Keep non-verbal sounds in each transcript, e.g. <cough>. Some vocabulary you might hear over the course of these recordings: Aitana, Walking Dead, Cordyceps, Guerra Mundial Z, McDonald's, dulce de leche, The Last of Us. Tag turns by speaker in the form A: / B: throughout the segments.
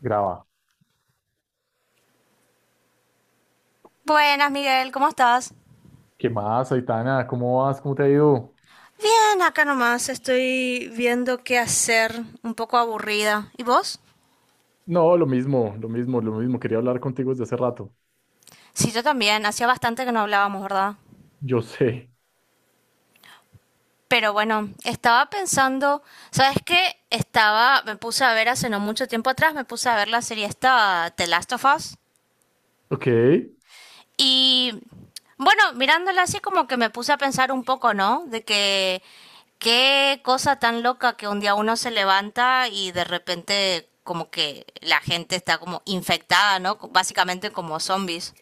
A: Graba.
B: Buenas, Miguel, ¿cómo estás?
A: ¿Qué más, Aitana? ¿Cómo vas? ¿Cómo te ha ido?
B: Bien, acá nomás estoy viendo qué hacer, un poco aburrida. ¿Y vos?
A: No, lo mismo, lo mismo, lo mismo. Quería hablar contigo desde hace rato.
B: Sí, yo también, hacía bastante que no hablábamos, ¿verdad?
A: Yo sé.
B: Pero bueno, estaba pensando, ¿sabes qué? Estaba, me puse a ver hace no mucho tiempo atrás, me puse a ver la serie esta, The Last of Us.
A: Ok,
B: Y bueno, mirándola así como que me puse a pensar un poco, ¿no? De que qué cosa tan loca que un día uno se levanta y de repente como que la gente está como infectada, ¿no? Básicamente como zombies.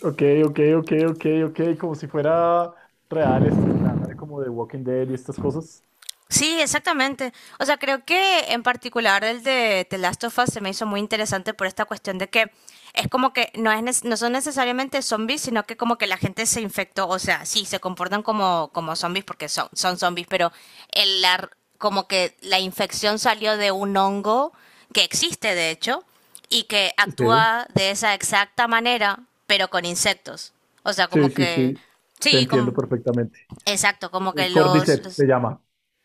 A: ok, ok, ok, ok, ok. Como si fuera real este escenario como de Walking Dead y estas cosas.
B: Sí, exactamente. O sea, creo que en particular el de The Last of Us se me hizo muy interesante por esta cuestión de que es como que no, es, no son necesariamente zombies, sino que como que la gente se infectó. O sea, sí, se comportan como, como zombies porque son, son zombies, pero el, la r- como que la infección salió de un hongo que existe, de hecho, y que
A: Sí,
B: actúa de esa exacta manera, pero con insectos. O sea,
A: sí,
B: como
A: sí,
B: que...
A: sí. Te
B: Sí,
A: entiendo
B: como,
A: perfectamente.
B: exacto, como que
A: Cordyceps se llama.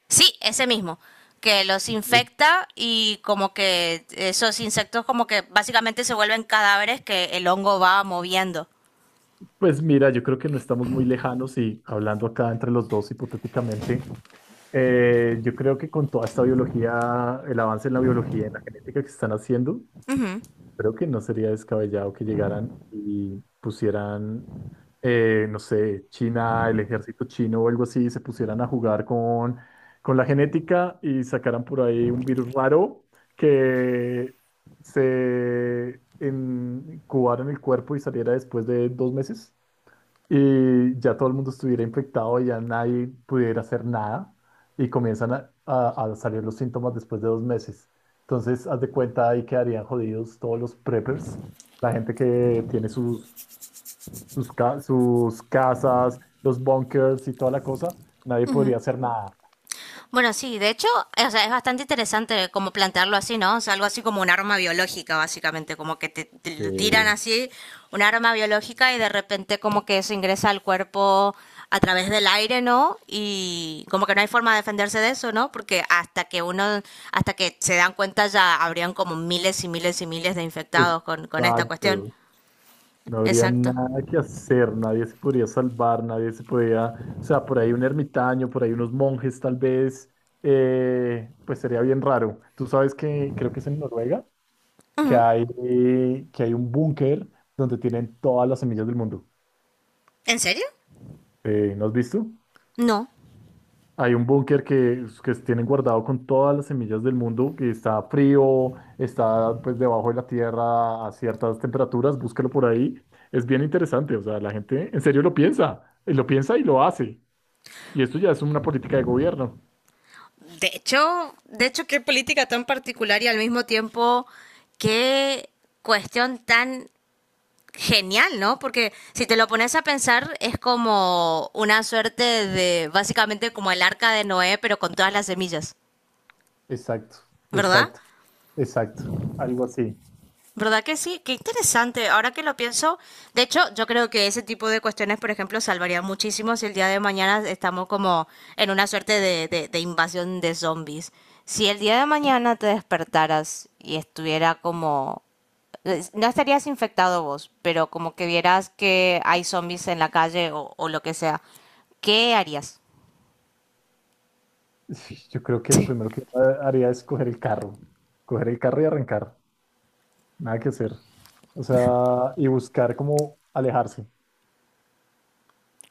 B: Sí, ese mismo, que los
A: Ok.
B: infecta y como que esos insectos como que básicamente se vuelven cadáveres que el hongo va moviendo.
A: Pues mira, yo creo que no estamos muy lejanos y hablando acá entre los dos hipotéticamente, yo creo que con toda esta biología, el avance en la biología y en la genética que se están haciendo, creo que no sería descabellado que llegaran y pusieran, no sé, China, el ejército chino o algo así, y se pusieran a jugar con la genética y sacaran por ahí un virus raro que incubara en el cuerpo y saliera después de 2 meses y ya todo el mundo estuviera infectado y ya nadie pudiera hacer nada y comienzan a salir los síntomas después de 2 meses. Entonces, haz de cuenta, ahí quedarían jodidos todos los preppers, la gente que tiene sus, sus casas, los bunkers y toda la cosa, nadie podría hacer nada.
B: Bueno, sí, de hecho, o sea, es bastante interesante como plantearlo así, ¿no? O sea, algo así como un arma biológica, básicamente, como que te lo tiran
A: Sí,
B: así un arma biológica y de repente como que se ingresa al cuerpo a través del aire, ¿no? Y como que no hay forma de defenderse de eso, ¿no? Porque hasta que uno, hasta que se dan cuenta ya habrían como miles y miles y miles de infectados con esta cuestión.
A: exacto. No habría
B: Exacto.
A: nada que hacer, nadie se podría salvar, nadie se podía, o sea, por ahí un ermitaño, por ahí unos monjes tal vez, pues sería bien raro. Tú sabes que creo que es en Noruega, que hay, que hay un búnker donde tienen todas las semillas del mundo.
B: ¿En serio?
A: ¿No has visto?
B: No,
A: Hay un búnker que tienen guardado con todas las semillas del mundo, que está frío, está pues debajo de la tierra a ciertas temperaturas, búsquelo por ahí. Es bien interesante, o sea, la gente en serio lo piensa, y lo piensa y lo hace. Y esto ya es una política de gobierno.
B: de hecho, de hecho, qué política tan particular y al mismo tiempo qué cuestión tan genial, ¿no? Porque si te lo pones a pensar es como una suerte de básicamente como el arca de Noé, pero con todas las semillas,
A: Exacto,
B: ¿verdad?
A: exacto, exacto. Algo así. <laughs>
B: ¿Verdad que sí? Qué interesante. Ahora que lo pienso, de hecho, yo creo que ese tipo de cuestiones, por ejemplo, salvaría muchísimo si el día de mañana estamos como en una suerte de, de invasión de zombies. Si el día de mañana te despertaras y estuviera como... No estarías infectado vos, pero como que vieras que hay zombies en la calle o lo que sea, ¿qué harías?
A: Sí, yo creo que lo primero que haría es coger el carro y arrancar. Nada que hacer. O sea, y buscar cómo alejarse.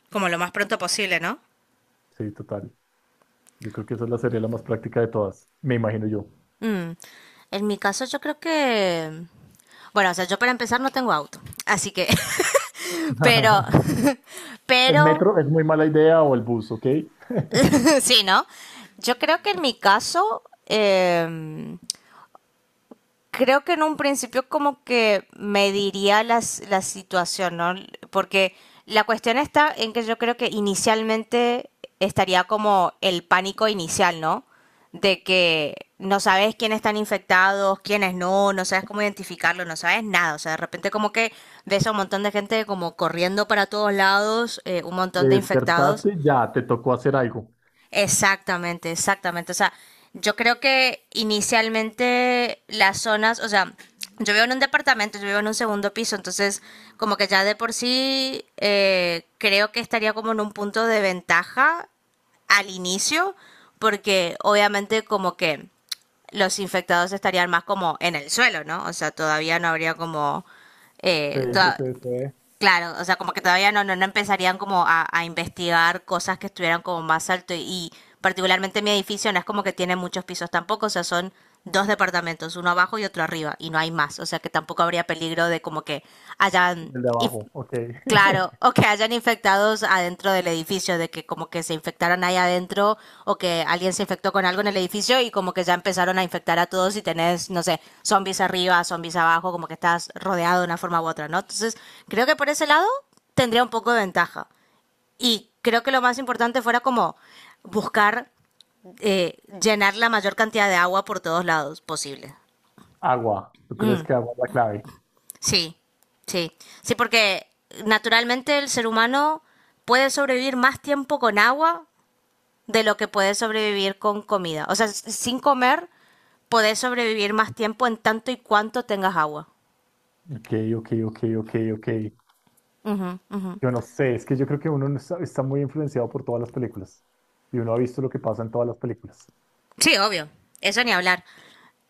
B: Como lo más pronto posible, ¿no?
A: Sí, total. Yo creo que esa es la sería la más práctica de todas, me imagino yo.
B: En mi caso, yo creo que... Bueno, o sea, yo para empezar no tengo auto, así que... <laughs> Pero
A: <laughs> El sí,
B: Pero,
A: metro es muy mala idea o el bus, ¿ok? Te
B: <laughs> sí, ¿no? Yo creo que en mi caso, creo que en un principio como que mediría las, la situación, ¿no? Porque la cuestión está en que yo creo que inicialmente estaría como el pánico inicial, ¿no? De que no sabes quiénes están infectados, quiénes no, no sabes cómo identificarlo, no sabes nada. O sea, de repente como que ves a un montón de gente como corriendo para todos lados, un montón de infectados.
A: despertaste, ya, te tocó hacer algo.
B: Exactamente, exactamente. O sea, yo creo que inicialmente las zonas, o sea, yo vivo en un departamento, yo vivo en un segundo piso, entonces como que ya de por sí creo que estaría como en un punto de ventaja al inicio, porque obviamente como que los infectados estarían más como en el suelo, ¿no? O sea, todavía no habría como...
A: Sí,
B: eh,
A: sí,
B: toda-
A: sí, sí.
B: Claro, o sea, como que todavía no, no, no empezarían como a investigar cosas que estuvieran como más alto y particularmente mi edificio no es como que tiene muchos pisos tampoco, o sea, son dos departamentos, uno abajo y otro arriba y no hay más, o sea que tampoco habría peligro de como que hayan
A: El de
B: inf-
A: abajo, ok.
B: claro,
A: <laughs>
B: o que hayan infectados adentro del edificio, de que como que se infectaron ahí adentro o que alguien se infectó con algo en el edificio y como que ya empezaron a infectar a todos y tenés, no sé, zombies arriba, zombies abajo, como que estás rodeado de una forma u otra, ¿no? Entonces, creo que por ese lado tendría un poco de ventaja. Y creo que lo más importante fuera como buscar llenar la mayor cantidad de agua por todos lados posible.
A: Agua, ¿tú crees
B: Mm.
A: que agua es la clave?
B: Sí, sí. Sí, porque naturalmente el ser humano puede sobrevivir más tiempo con agua de lo que puede sobrevivir con comida. O sea, sin comer podés sobrevivir más tiempo en tanto y cuanto tengas agua.
A: Ok, ok, ok, ok, ok. Yo no sé, es que yo creo que uno no está, está muy influenciado por todas las películas y uno ha visto lo que pasa en todas las películas.
B: Sí, obvio. Eso ni hablar.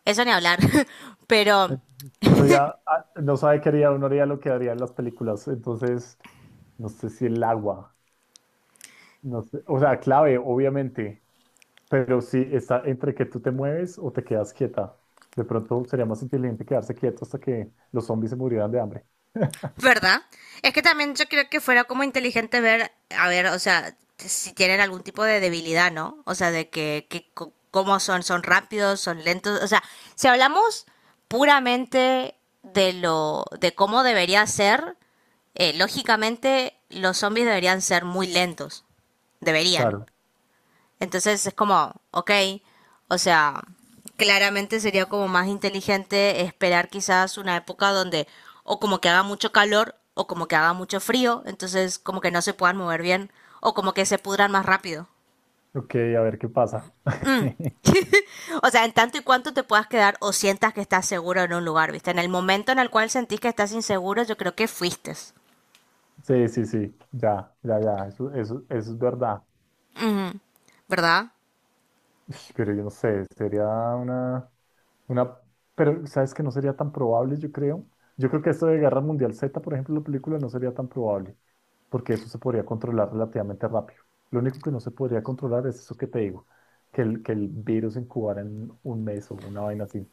B: Eso ni hablar. <laughs> Pero
A: Entonces, uno ya no sabe qué haría, uno haría lo que haría en las películas, entonces no sé si el agua. No sé, o sea, clave, obviamente, pero si está entre que tú te mueves o te quedas quieta. De pronto sería más inteligente quedarse quieto hasta que los zombies se murieran de hambre. <laughs>
B: ¿verdad? Es que también yo creo que fuera como inteligente ver, a ver, o sea, si tienen algún tipo de debilidad, ¿no? O sea, de que cómo son, son rápidos, son lentos. O sea, si hablamos puramente de lo, de cómo debería ser, lógicamente los zombies deberían ser muy lentos. Deberían.
A: Claro.
B: Entonces es como, ok, o sea, claramente sería como más inteligente esperar quizás una época donde o como que haga mucho calor o como que haga mucho frío, entonces como que no se puedan mover bien o como que se pudran más rápido.
A: Ok, a ver qué pasa. <laughs>
B: O sea, en tanto y cuanto te puedas quedar o sientas que estás seguro en un lugar, ¿viste? En el momento en el cual sentís que estás inseguro, yo creo que fuiste,
A: Sí, sí, sí, ya, ya, ya, eso es verdad.
B: ¿verdad?
A: Ish, pero yo no sé, sería una, una, pero sabes que no sería tan probable, yo creo. Yo creo que esto de Guerra Mundial Z, por ejemplo, la película no sería tan probable, porque eso se podría controlar relativamente rápido. Lo único que no se podría controlar es eso que te digo, que el virus incubara en 1 mes o una vaina así.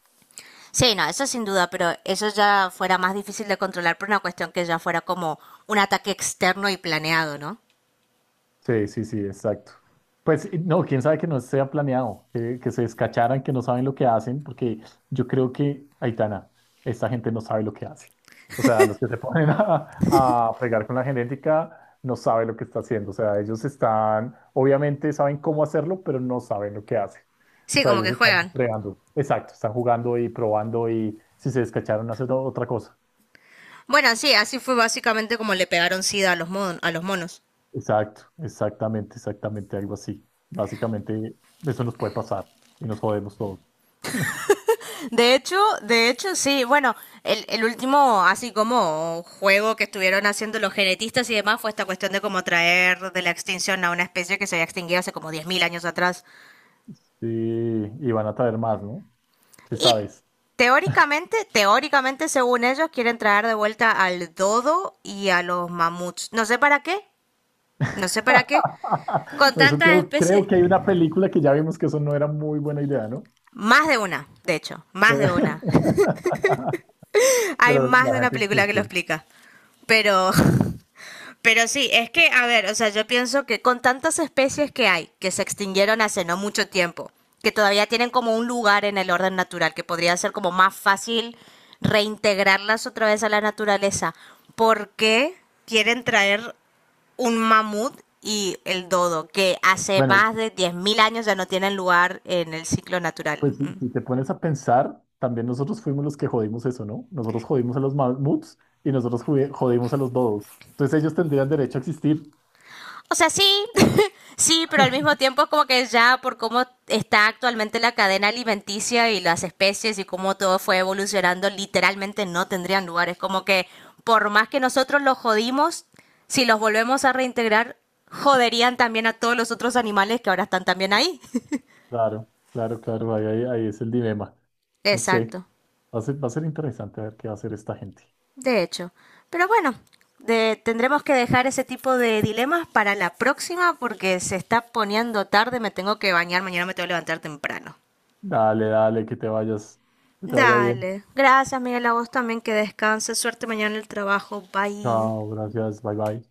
B: Sí, no, eso sin duda, pero eso ya fuera más difícil de controlar por una cuestión que ya fuera como un ataque externo y planeado, ¿no?
A: Sí, sí, sí, exacto. Pues y no, quién sabe que no sea planeado, que se descacharan, que no saben lo que hacen, porque yo creo que, Aitana, esta gente no sabe lo que hace. O sea, los que se <laughs> ponen a fregar con la genética no saben lo que está haciendo. O sea, ellos están, obviamente saben cómo hacerlo, pero no saben lo que hacen. O
B: Sí,
A: sea,
B: como
A: ellos
B: que
A: están
B: juegan.
A: entregando. Exacto, están jugando y probando y si se descacharon, hacen otra cosa.
B: Bueno, sí, así fue básicamente como le pegaron SIDA a a los monos.
A: Exacto, exactamente, exactamente, algo así. Básicamente, eso nos puede pasar y nos jodemos todos.
B: De hecho, sí, bueno, el último así como juego que estuvieron haciendo los genetistas y demás fue esta cuestión de cómo traer de la extinción a una especie que se había extinguido hace como 10.000 años atrás.
A: Sí, y van a traer más, ¿no? ¿Qué
B: Y
A: sabes?
B: teóricamente, teóricamente, según ellos, quieren traer de vuelta al dodo y a los mamuts. No sé para qué, no sé para qué.
A: <laughs>
B: Con
A: Eso
B: tantas
A: creo, creo
B: especies.
A: que hay una película que ya vimos que eso no era muy buena idea, ¿no?
B: Más de una, de hecho, más de una.
A: <laughs>
B: Hay
A: Pero
B: más
A: la
B: de una
A: gente
B: película que lo
A: insiste.
B: explica. Pero, <laughs> pero sí, es que, a ver, o sea, yo pienso que con tantas especies que hay, que se extinguieron hace no mucho tiempo, que todavía tienen como un lugar en el orden natural, que podría ser como más fácil reintegrarlas otra vez a la naturaleza, ¿por qué quieren traer un mamut y el dodo, que hace
A: Bueno,
B: más de 10.000 años ya no tienen lugar en el ciclo natural?
A: pues si,
B: Mm.
A: si te pones a pensar, también nosotros fuimos los que jodimos eso, ¿no? Nosotros jodimos a los mamuts y nosotros jodimos a los dodos. Entonces ellos tendrían derecho a existir.
B: O sea, sí, <laughs> sí, pero al mismo tiempo es como que ya por cómo está actualmente la cadena alimenticia y las especies y cómo todo fue evolucionando, literalmente no tendrían lugar. Es como que por más que nosotros los jodimos, si los volvemos a reintegrar, joderían también a todos los otros animales que ahora están también ahí.
A: Claro, claro, claro, ahí, ahí, ahí es el dilema.
B: <laughs>
A: No sé,
B: Exacto,
A: va a ser interesante ver qué va a hacer esta gente.
B: de hecho. Pero bueno, tendremos que dejar ese tipo de dilemas para la próxima porque se está poniendo tarde, me tengo que bañar, mañana me tengo que levantar temprano.
A: Dale, dale, que te vayas, que te vaya bien.
B: Dale. Gracias, Miguel. A vos también que descanses. Suerte mañana en el trabajo. Bye.
A: Chao, gracias, bye bye.